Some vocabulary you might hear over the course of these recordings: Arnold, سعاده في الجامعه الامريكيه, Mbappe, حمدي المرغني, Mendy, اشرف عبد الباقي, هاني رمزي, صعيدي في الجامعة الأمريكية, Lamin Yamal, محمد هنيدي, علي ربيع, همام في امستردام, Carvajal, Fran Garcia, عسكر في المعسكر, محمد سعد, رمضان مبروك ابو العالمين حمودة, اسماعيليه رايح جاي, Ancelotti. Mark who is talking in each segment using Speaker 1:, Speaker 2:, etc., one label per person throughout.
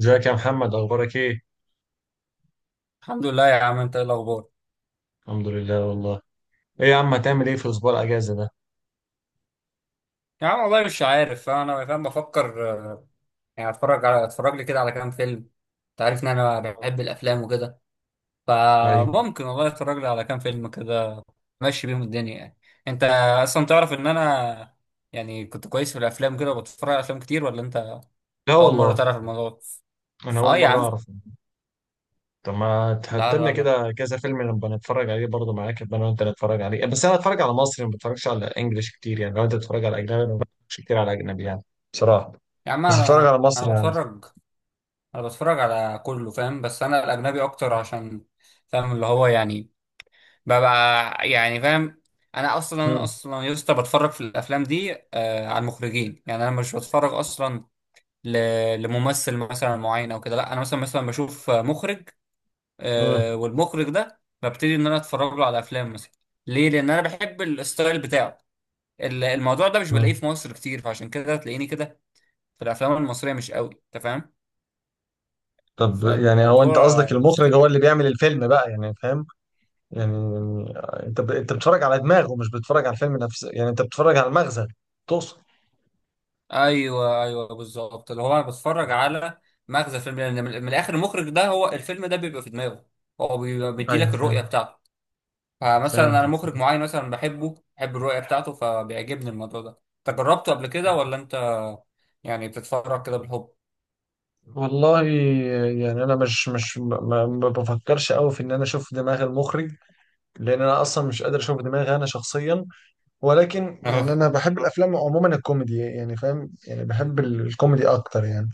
Speaker 1: ازيك يا محمد؟ اخبارك ايه؟
Speaker 2: الحمد لله يا عم، انت ايه الاخبار؟
Speaker 1: الحمد لله والله. ايه يا عم، هتعمل ايه في اسبوع الاجازه ده؟
Speaker 2: يا عم والله مش عارف. انا فاهم بفكر. يعني اتفرج لي كده على كام فيلم. انت عارف ان انا بحب الافلام وكده،
Speaker 1: ايوه.
Speaker 2: فممكن والله اتفرج لي على كام فيلم كده، ماشي بيهم الدنيا يعني. انت اصلا تعرف ان انا، يعني كنت كويس في الافلام كده وبتفرج على افلام كتير، ولا انت
Speaker 1: لا
Speaker 2: اول مره
Speaker 1: والله،
Speaker 2: تعرف الموضوع ده؟
Speaker 1: انا اول
Speaker 2: اه يا
Speaker 1: مره
Speaker 2: عم.
Speaker 1: اعرف. طب ما تحط
Speaker 2: لا
Speaker 1: لنا
Speaker 2: لا لا
Speaker 1: كده كذا فيلم نبقى نتفرج عليه برضه معاك، يبقى انا وانت نتفرج عليه. بس انا اتفرج على مصري، ما بتفرجش على انجليش كتير، يعني لو انت بتتفرج على اجنبي، انا ما بتفرجش كتير على اجنبي يعني. بصراحه،
Speaker 2: يا عم،
Speaker 1: بس اتفرج
Speaker 2: انا،
Speaker 1: على مصري
Speaker 2: انا
Speaker 1: يعني.
Speaker 2: بتفرج انا بتفرج على كله فاهم، بس انا الاجنبي اكتر عشان فاهم اللي هو يعني، ببقى يعني فاهم. انا اصلا انا
Speaker 1: مم.
Speaker 2: اصلا يا اسطى بتفرج في الافلام دي على المخرجين. يعني انا مش بتفرج اصلا ل... لممثل مثلا معين او كده، لا انا مثلا بشوف مخرج.
Speaker 1: مم.
Speaker 2: والمخرج ده ببتدي ان انا اتفرج له على افلام مثلا. ليه؟ لان انا بحب الستايل بتاعه. الموضوع ده مش بلاقيه
Speaker 1: مم.
Speaker 2: في مصر كتير، فعشان كده تلاقيني كده في الافلام المصريه مش قوي، انت فاهم؟
Speaker 1: طب، يعني هو انت
Speaker 2: فالموضوع
Speaker 1: قصدك المخرج
Speaker 2: مختلف.
Speaker 1: هو اللي بيعمل الفيلم بقى يعني، فاهم؟ يعني انت انت بتتفرج على دماغه، مش بتتفرج على الفيلم نفسه، يعني انت بتتفرج على المغزى، تقصد.
Speaker 2: ايوه ايوه بالظبط، اللي هو انا بتفرج على مغزى الفيلم، لان من الاخر المخرج ده هو الفيلم ده بيبقى في دماغه، هو بيبقى
Speaker 1: ايوه،
Speaker 2: مديلك الرؤيه
Speaker 1: فاهم.
Speaker 2: بتاعته. فمثلا انا
Speaker 1: فهمتك.
Speaker 2: مخرج معين مثلا بحبه، بحب الرؤيه بتاعته فبيعجبني الموضوع ده. انت جربته قبل كده ولا انت، يعني بتتفرج كده بالحب؟
Speaker 1: والله يعني انا مش ما بفكرش قوي في ان انا اشوف دماغ المخرج، لان انا اصلا مش قادر اشوف دماغي انا شخصيا. ولكن يعني
Speaker 2: اه.
Speaker 1: انا بحب الافلام عموما، الكوميدي يعني فاهم، يعني بحب الكوميدي اكتر يعني.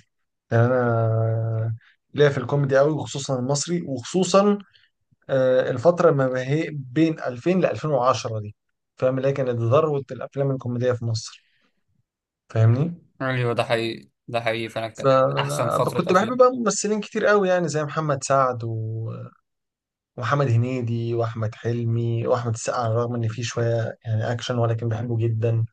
Speaker 1: يعني انا ليا في الكوميدي قوي، وخصوصا المصري، وخصوصا الفترة ما هي بين 2000 ل 2010 دي، فاهم اللي هي كانت ذروة الأفلام الكوميدية في مصر، فاهمني؟
Speaker 2: ايوه ده حقيقي، ده حقيقي فعلا كده. احسن
Speaker 1: فأنا
Speaker 2: فتره
Speaker 1: كنت بحب
Speaker 2: افلام.
Speaker 1: بقى ممثلين كتير قوي، يعني زي محمد سعد ومحمد هنيدي وأحمد حلمي وأحمد السقا، على الرغم إن فيه شوية يعني أكشن ولكن بحبه جدا.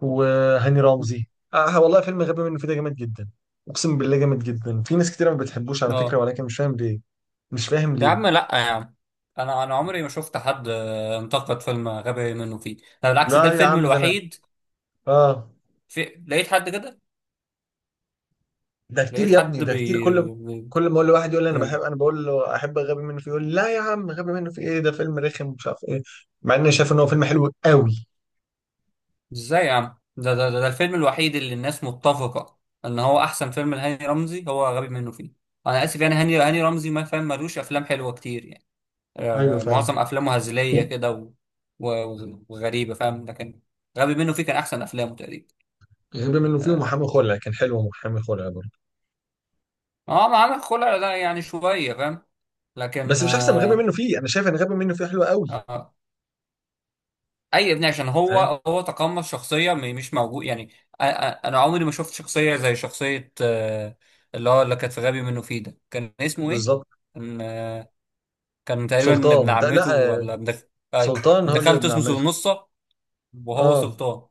Speaker 1: وهاني رمزي، والله فيلم غبي منه فيه ده جامد جدا. أقسم بالله جامد جدا، في ناس كتير ما بتحبوش على فكرة
Speaker 2: اه
Speaker 1: ولكن مش فاهم ليه. مش فاهم
Speaker 2: يا عم،
Speaker 1: ليه.
Speaker 2: لا يا عم، انا عمري ما شفت حد انتقد فيلم غبي منه فيه، ده بالعكس ده
Speaker 1: لا يا
Speaker 2: الفيلم
Speaker 1: عم، ده أنا.
Speaker 2: الوحيد.
Speaker 1: آه.
Speaker 2: لقيت حد كده،
Speaker 1: ده كتير
Speaker 2: لقيت
Speaker 1: يا
Speaker 2: حد
Speaker 1: ابني، ده كتير. كل كل ما اقول لواحد يقول لي انا بحب،
Speaker 2: بي-
Speaker 1: انا بقول له احب غبي منه فيه، يقول لي لا يا عم، غبي منه فيه ايه ده، فيلم رخم مش عارف ايه. مع اني شايف ان هو فيلم حلو قوي.
Speaker 2: ازاي يا عم؟ ده الفيلم الوحيد اللي الناس متفقة ان هو احسن فيلم لهاني رمزي هو غبي منه فيه. انا اسف يعني، هاني رمزي ما فاهم ملوش افلام حلوة كتير يعني.
Speaker 1: ايوه فعلا.
Speaker 2: معظم افلامه هزلية كده وغريبة فاهم، لكن غبي منه فيه كان احسن افلامه تقريبا.
Speaker 1: غبي منه فيه ومحامي
Speaker 2: اه.
Speaker 1: خلع كان حلو، ومحامي خلع برضه.
Speaker 2: ما عمل خلع لا يعني شوية فاهم، لكن
Speaker 1: بس مش احسن من غبي منه فيه، انا شايف ان غبي منه فيه حلو قوي.
Speaker 2: آه اي ابني، عشان
Speaker 1: فاهم.
Speaker 2: هو تقمص شخصيه مش موجود يعني انا عمري ما شفت شخصيه زي شخصيه اللي هو اللي كانت في غبي منه فيه ده، كان اسمه ايه؟
Speaker 1: بالظبط.
Speaker 2: كان كان تقريبا ابن
Speaker 1: سلطان ده لا.
Speaker 2: عمته
Speaker 1: آه،
Speaker 2: ولا ابن آه،
Speaker 1: سلطان هو
Speaker 2: ابن
Speaker 1: اللي
Speaker 2: خالته
Speaker 1: ابن
Speaker 2: اسمه
Speaker 1: عمته.
Speaker 2: سلنصة، وهو
Speaker 1: اه،
Speaker 2: سلطان.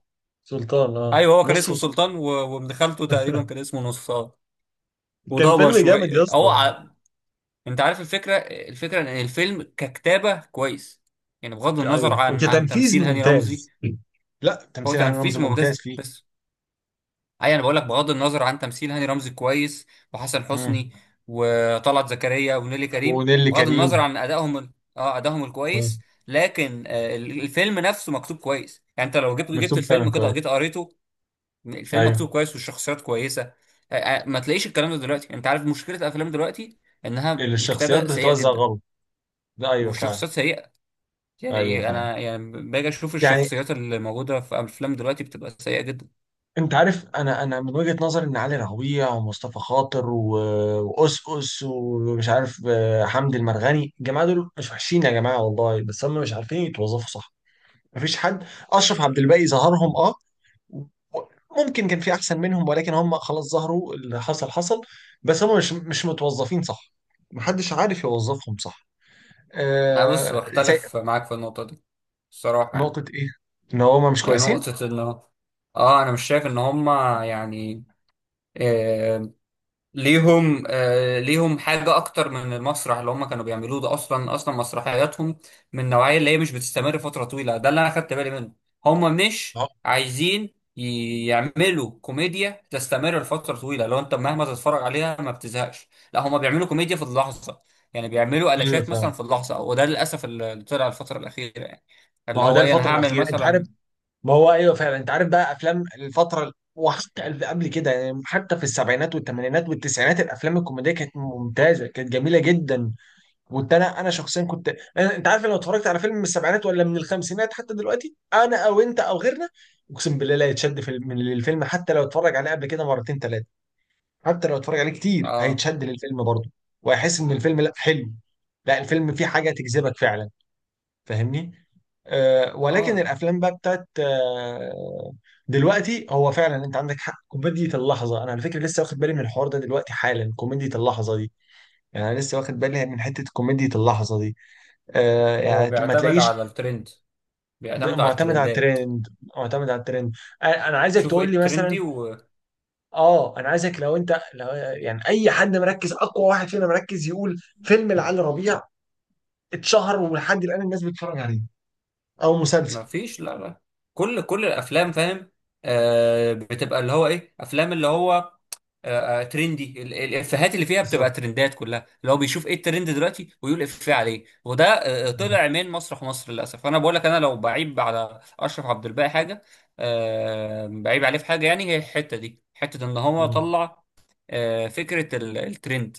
Speaker 1: سلطان اه،
Speaker 2: ايوه هو كان
Speaker 1: نصف
Speaker 2: اسمه
Speaker 1: سلطان.
Speaker 2: سلطان وابن خالته تقريبا كان اسمه نصار،
Speaker 1: كان
Speaker 2: وضبه
Speaker 1: فيلم جامد يا
Speaker 2: شويه هو
Speaker 1: اسطى.
Speaker 2: انت عارف الفكره، ان الفيلم ككتابه كويس يعني، بغض النظر
Speaker 1: ايوه،
Speaker 2: عن
Speaker 1: وكتنفيذ
Speaker 2: تمثيل هاني رمزي،
Speaker 1: ممتاز. لا،
Speaker 2: هو
Speaker 1: تمثيل هاني رمزي
Speaker 2: تنفيذ
Speaker 1: ممتاز
Speaker 2: ممتاز
Speaker 1: فيه.
Speaker 2: بس. اي انا بقول لك بغض النظر عن تمثيل هاني رمزي كويس، وحسن حسني
Speaker 1: مم.
Speaker 2: وطلعت زكريا ونيلي كريم،
Speaker 1: ونيلي
Speaker 2: بغض النظر
Speaker 1: كريم.
Speaker 2: عن ادائهم اه ادائهم
Speaker 1: آه.
Speaker 2: الكويس. لكن الفيلم نفسه مكتوب كويس، يعني انت لو جبت
Speaker 1: مكتوب فعلا
Speaker 2: الفيلم كده
Speaker 1: كويس.
Speaker 2: جيت قريته. الفيلم مكتوب
Speaker 1: ايوه.
Speaker 2: كويس والشخصيات كويسه. ما تلاقيش الكلام ده دلوقتي يعني، انت عارف مشكله الافلام دلوقتي انها
Speaker 1: الشخصيات
Speaker 2: الكتابه سيئه
Speaker 1: بتتوزع
Speaker 2: جدا
Speaker 1: غلط. ده ايوه فعلا.
Speaker 2: والشخصيات سيئه. يعني
Speaker 1: ايوه
Speaker 2: إيه،
Speaker 1: فعلا
Speaker 2: انا يعني باجي اشوف
Speaker 1: يعني.
Speaker 2: الشخصيات اللي موجوده في افلام دلوقتي بتبقى سيئه جدا.
Speaker 1: انت عارف، انا من وجهة نظري ان علي ربيع ومصطفى خاطر و... وأس ومش عارف حمدي المرغني، الجماعه دول مش وحشين يا جماعه والله، بس هم مش عارفين يتوظفوا صح. مفيش حد. اشرف عبد الباقي ظهرهم اه، و- ممكن كان في احسن منهم ولكن هم خلاص ظهروا، اللي حصل حصل. بس هم مش متوظفين صح، محدش عارف يوظفهم صح.
Speaker 2: انا بص
Speaker 1: آه زي
Speaker 2: بختلف معاك في النقطه دي، الصراحه يعني.
Speaker 1: نقطة إيه؟ إن هما مش
Speaker 2: يعني
Speaker 1: كويسين؟
Speaker 2: نقطة انه، اه انا مش شايف ان هما يعني آه ليهم حاجة اكتر من المسرح اللي هما كانوا بيعملوه ده، اصلا مسرحياتهم من النوعية اللي هي مش بتستمر فترة طويلة، ده اللي انا خدت بالي منه. هما
Speaker 1: ما
Speaker 2: مش
Speaker 1: هو
Speaker 2: عايزين يعملوا كوميديا تستمر لفترة طويلة لو انت مهما تتفرج عليها ما بتزهقش، لا هما بيعملوا كوميديا في اللحظة. يعني بيعملوا
Speaker 1: ايوه
Speaker 2: قلاشات مثلا
Speaker 1: فعلا.
Speaker 2: في اللحظة، وده للأسف اللي طلع الفترة الأخيرة يعني،
Speaker 1: ما
Speaker 2: اللي
Speaker 1: هو ده
Speaker 2: هو ايه انا
Speaker 1: الفتره
Speaker 2: هعمل
Speaker 1: الاخيره، انت عارف.
Speaker 2: مثلا.
Speaker 1: ما هو ايوه فعلا، انت عارف بقى، افلام الفتره وحتى قبل كده، يعني حتى في السبعينات والثمانينات والتسعينات الافلام الكوميديه كانت ممتازه، كانت جميله جدا. كنت انا شخصيا كنت أنا، انت عارف لو اتفرجت على فيلم من السبعينات ولا من الخمسينات حتى دلوقتي، انا او انت او غيرنا، اقسم بالله لا يتشد في من الفيلم، حتى لو اتفرج عليه قبل كده مرتين ثلاثه، حتى لو اتفرج عليه كتير
Speaker 2: اه.
Speaker 1: هيتشد للفيلم برضه، وهيحس ان الفيلم لا حلو، لا الفيلم فيه حاجه تجذبك فعلا، فاهمني؟ ولكن
Speaker 2: اه
Speaker 1: الافلام بقى بتاعت دلوقتي، هو فعلا انت عندك حق، كوميديا اللحظه. انا على فكره لسه واخد بالي من الحوار ده دلوقتي حالا، كوميديا اللحظه دي. يعني انا لسه واخد بالي من حته كوميديا اللحظه دي.
Speaker 2: هو
Speaker 1: يعني ما
Speaker 2: بيعتمد على
Speaker 1: تلاقيش.
Speaker 2: الترند، بيعتمد على
Speaker 1: معتمد على
Speaker 2: الترندات.
Speaker 1: الترند. معتمد على الترند. أنا عايزك
Speaker 2: تشوفوا ايه
Speaker 1: تقول لي مثلا.
Speaker 2: الترندي وما
Speaker 1: اه انا عايزك، لو يعني اي حد مركز، اقوى واحد فينا مركز، يقول فيلم لعلي ربيع اتشهر ولحد الان الناس بتتفرج عليه، او مسلسل.
Speaker 2: فيش. لا لا. كل الافلام فاهم، بتبقى اللي هو ايه افلام اللي هو ترندي. الافيهات اللي فيها
Speaker 1: بالظبط.
Speaker 2: بتبقى ترندات كلها، اللي هو بيشوف ايه الترند دلوقتي ويقول افيه عليه. وده طلع من مسرح مصر للاسف. انا بقول لك انا لو بعيب على اشرف عبد الباقي حاجه، بعيب عليه في حاجه، يعني هي الحته دي حته ان هو
Speaker 1: مم.
Speaker 2: طلع فكره الترند.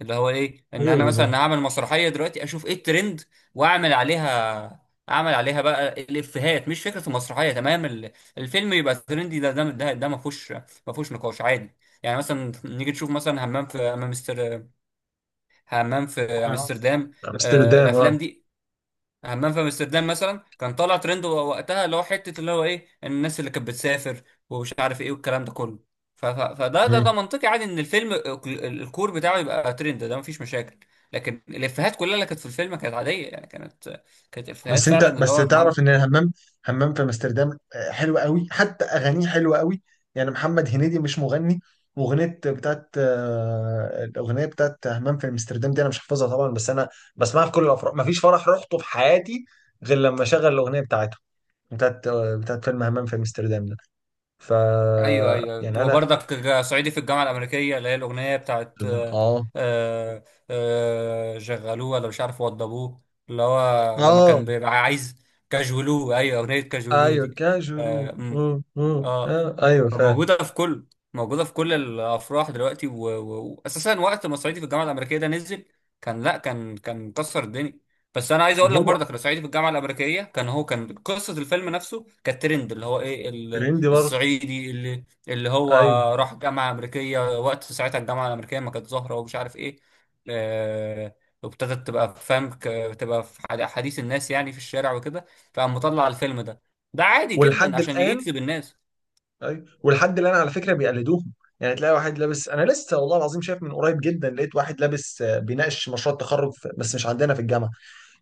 Speaker 2: اللي هو ايه، ان
Speaker 1: ايوه
Speaker 2: انا مثلا
Speaker 1: بالظبط.
Speaker 2: اعمل مسرحيه دلوقتي اشوف ايه الترند واعمل عليها، اعمل عليها بقى الافيهات، مش فكره المسرحيه تمام الفيلم يبقى ترندي. ده ما فيهوش، ما فيهوش نقاش عادي. يعني مثلا نيجي نشوف مثلا همام في
Speaker 1: آه.
Speaker 2: امستردام.
Speaker 1: امستردام. اه.
Speaker 2: الافلام دي، همام في امستردام مثلا كان طالع ترند وقتها، اللي هو حته اللي هو ايه الناس اللي كانت بتسافر ومش عارف ايه والكلام ده كله. فده ده, ده منطقي عادي، ان الفيلم الكور بتاعه يبقى ترند، ده مفيش مشاكل. لكن الافيهات كلها اللي كانت في الفيلم كانت عاديه يعني، كانت افيهات
Speaker 1: بس انت
Speaker 2: فعلا اللي
Speaker 1: بس
Speaker 2: هو.
Speaker 1: تعرف ان الهمام، همام في امستردام حلو قوي، حتى اغانيه حلوه قوي. يعني محمد هنيدي مش مغني، واغنيه بتاعت الاغنيه بتاعت همام في امستردام دي، انا مش حافظها طبعا، بس انا بسمعها في كل الافراح. مفيش فرح رحته في حياتي غير لما شغل الاغنيه بتاعته، بتاعت بتاعت فيلم همام في امستردام ده. ف
Speaker 2: ايوه ايوه
Speaker 1: يعني انا،
Speaker 2: وبرضك صعيدي في الجامعه الامريكيه، اللي هي الاغنيه بتاعت
Speaker 1: اه.
Speaker 2: آه، شغلوه ولا مش عارف وضبوه، اللي هو لما
Speaker 1: اه
Speaker 2: كان بيبقى عايز كاجولوه، ايوه اغنيه كاجولوه
Speaker 1: ايوه
Speaker 2: دي.
Speaker 1: كاجولو،
Speaker 2: اه.
Speaker 1: ايوه فاهم.
Speaker 2: فموجودة في كل، موجودة في كل الأفراح دلوقتي وأساسا وقت ما صعيدي في الجامعة الأمريكية ده نزل كان، لا كان مكسر الدنيا. بس أنا عايز أقول لك
Speaker 1: هو
Speaker 2: برضك، لو صعيدي في الجامعة الأمريكية كان، هو كان قصة الفيلم نفسه كانت ترند، اللي هو إيه
Speaker 1: ترندي برضه.
Speaker 2: الصعيدي اللي هو
Speaker 1: ايوه.
Speaker 2: راح جامعة أمريكية وقت ساعتها الجامعة الأمريكية ما كانت ظاهرة، ومش عارف إيه آه... وابتدت تبقى فاهم، تبقى في حديث الناس يعني في الشارع وكده. فقام مطلع الفيلم ده، ده عادي جدا
Speaker 1: ولحد
Speaker 2: عشان
Speaker 1: الان،
Speaker 2: يجذب الناس.
Speaker 1: ايوه، والحد اللي انا على فكره بيقلدوهم، يعني تلاقي واحد لابس، انا لسه والله العظيم شايف من قريب جدا، لقيت واحد لابس بيناقش مشروع التخرج بس مش عندنا في الجامعه،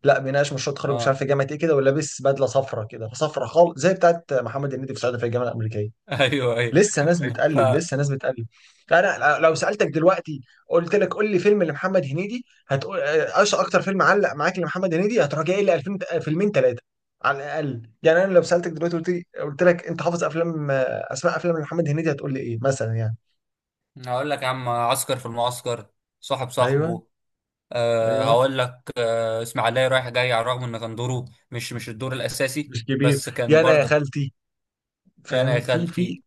Speaker 1: لا بيناقش مشروع التخرج مش عارف
Speaker 2: اه.
Speaker 1: في جامعه ايه كده، ولابس بدله صفراء كده، صفراء خالص زي بتاعت محمد هنيدي في سعاده في الجامعه الامريكيه.
Speaker 2: ايوه ايوه.
Speaker 1: لسه ناس
Speaker 2: ف
Speaker 1: بتقلد، لسه ناس بتقلد. انا لو سالتك دلوقتي قلت لك قول لي فيلم لمحمد هنيدي، هتقول ايش اكتر فيلم علق معاك لمحمد هنيدي، هتروح جاي لي 2000 فيلمين ثلاثه على الاقل. يعني انا لو سالتك دلوقتي قلت لي، قلت لك انت حافظ افلام اسماء افلام لمحمد هنيدي، هتقول لي ايه مثلا يعني؟
Speaker 2: هقول لك يا عم عسكر في المعسكر، صاحب
Speaker 1: ايوه
Speaker 2: صاحبه. أه
Speaker 1: ايوه.
Speaker 2: هقول لك أه اسماعيليه رايح جاي، على الرغم ان كان دوره مش الدور الاساسي،
Speaker 1: مش كبير.
Speaker 2: بس
Speaker 1: يا
Speaker 2: كان
Speaker 1: انا يا
Speaker 2: برضك.
Speaker 1: خالتي.
Speaker 2: يعني يا
Speaker 1: فاهم، في
Speaker 2: خالتي.
Speaker 1: في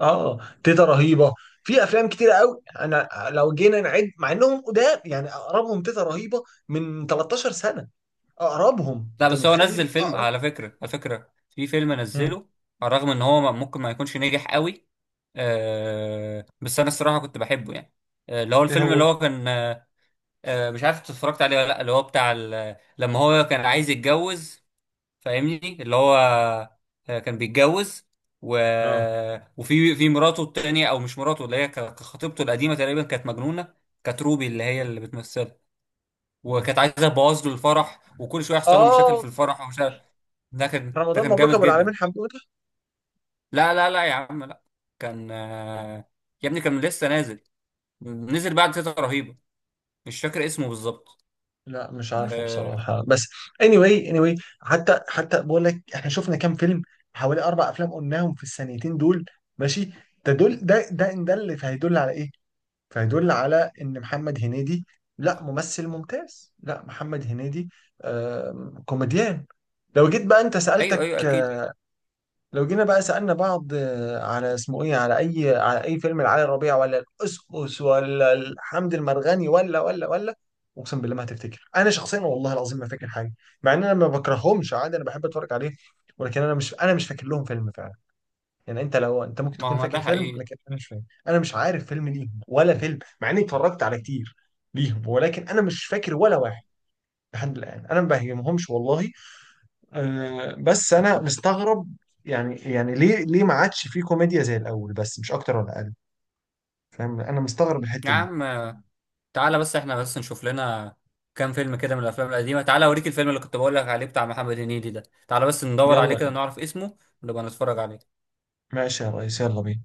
Speaker 1: اه، تيتا رهيبه. في افلام كتيره قوي انا لو جينا نعد مع انهم قدام يعني، اقربهم تيتا رهيبه من 13 سنه. اقربهم،
Speaker 2: لا
Speaker 1: انت
Speaker 2: بس هو
Speaker 1: متخيل
Speaker 2: نزل فيلم،
Speaker 1: اقرب؟
Speaker 2: على فكره في فيلم
Speaker 1: مم.
Speaker 2: نزله، على الرغم ان هو ممكن ما يكونش نجح قوي. أه بس انا الصراحه كنت بحبه يعني. اللي هو
Speaker 1: ايه
Speaker 2: الفيلم اللي
Speaker 1: هو؟
Speaker 2: هو كان أه، مش عارف إنت اتفرجت عليه ولا لا، اللي هو بتاع لما هو كان عايز يتجوز. فاهمني اللي هو كان بيتجوز و...
Speaker 1: اه.
Speaker 2: وفي مراته التانية او مش مراته، اللي هي خطيبته القديمة تقريبا كانت مجنونة. كانت روبي اللي هي اللي بتمثلها،
Speaker 1: مم.
Speaker 2: وكانت عايزة تبوظ له الفرح، وكل شوية يحصل له مشاكل في
Speaker 1: اه.
Speaker 2: الفرح ومش عارف. ده
Speaker 1: رمضان
Speaker 2: كان
Speaker 1: مبروك
Speaker 2: جامد
Speaker 1: ابو
Speaker 2: جدا.
Speaker 1: العالمين حمودة.
Speaker 2: لا لا لا يا عم لا. كان يا ابني كان لسه نازل، نزل بعد تيتا رهيبة، مش فاكر اسمه بالظبط.
Speaker 1: لا مش عارفه
Speaker 2: آه،
Speaker 1: بصراحة، بس anyway anyway، حتى بقول لك احنا شفنا كام فيلم، حوالي اربع افلام قلناهم في السنتين دول. ماشي. ده دول ده ده ان ده اللي فهيدل على ايه؟ فهيدل على ان محمد هنيدي لا ممثل ممتاز، لا محمد هنيدي كوميديان. لو جيت بقى انت
Speaker 2: ايوه
Speaker 1: سألتك
Speaker 2: ايوه اكيد.
Speaker 1: لو جينا بقى سألنا بعض على اسمه ايه، على اي فيلم لعلي ربيع ولا القسقس ولا الحمد المرغني ولا. اقسم بالله ما هتفتكر، انا شخصيا والله العظيم ما فاكر حاجه، مع ان انا ما بكرهمش عادي، انا بحب اتفرج عليه. ولكن انا مش فاكر لهم فيلم فعلا. يعني لو انت ممكن
Speaker 2: ما هو
Speaker 1: تكون
Speaker 2: ما ده
Speaker 1: فاكر فيلم،
Speaker 2: حقيقي.
Speaker 1: لكن انا مش فاكر، انا مش عارف فيلم ليهم، ولا فيلم مع اني اتفرجت على كتير ليهم، ولكن انا مش فاكر ولا واحد. لحد الان انا ما بهمهمش والله. بس انا مستغرب، يعني ليه ما عادش في كوميديا زي الاول، بس مش اكتر ولا اقل. فاهم، انا مستغرب
Speaker 2: يا
Speaker 1: الحتة دي.
Speaker 2: عم تعالى بس، احنا بس نشوف لنا كام فيلم كده من الافلام القديمه، تعالى اوريك الفيلم اللي كنت بقول لك عليه بتاع محمد هنيدي ده، تعالى بس ندور عليه
Speaker 1: يلا.
Speaker 2: كده نعرف اسمه ونبقى نتفرج عليه.
Speaker 1: ماشي يا ريس، يلا بينا.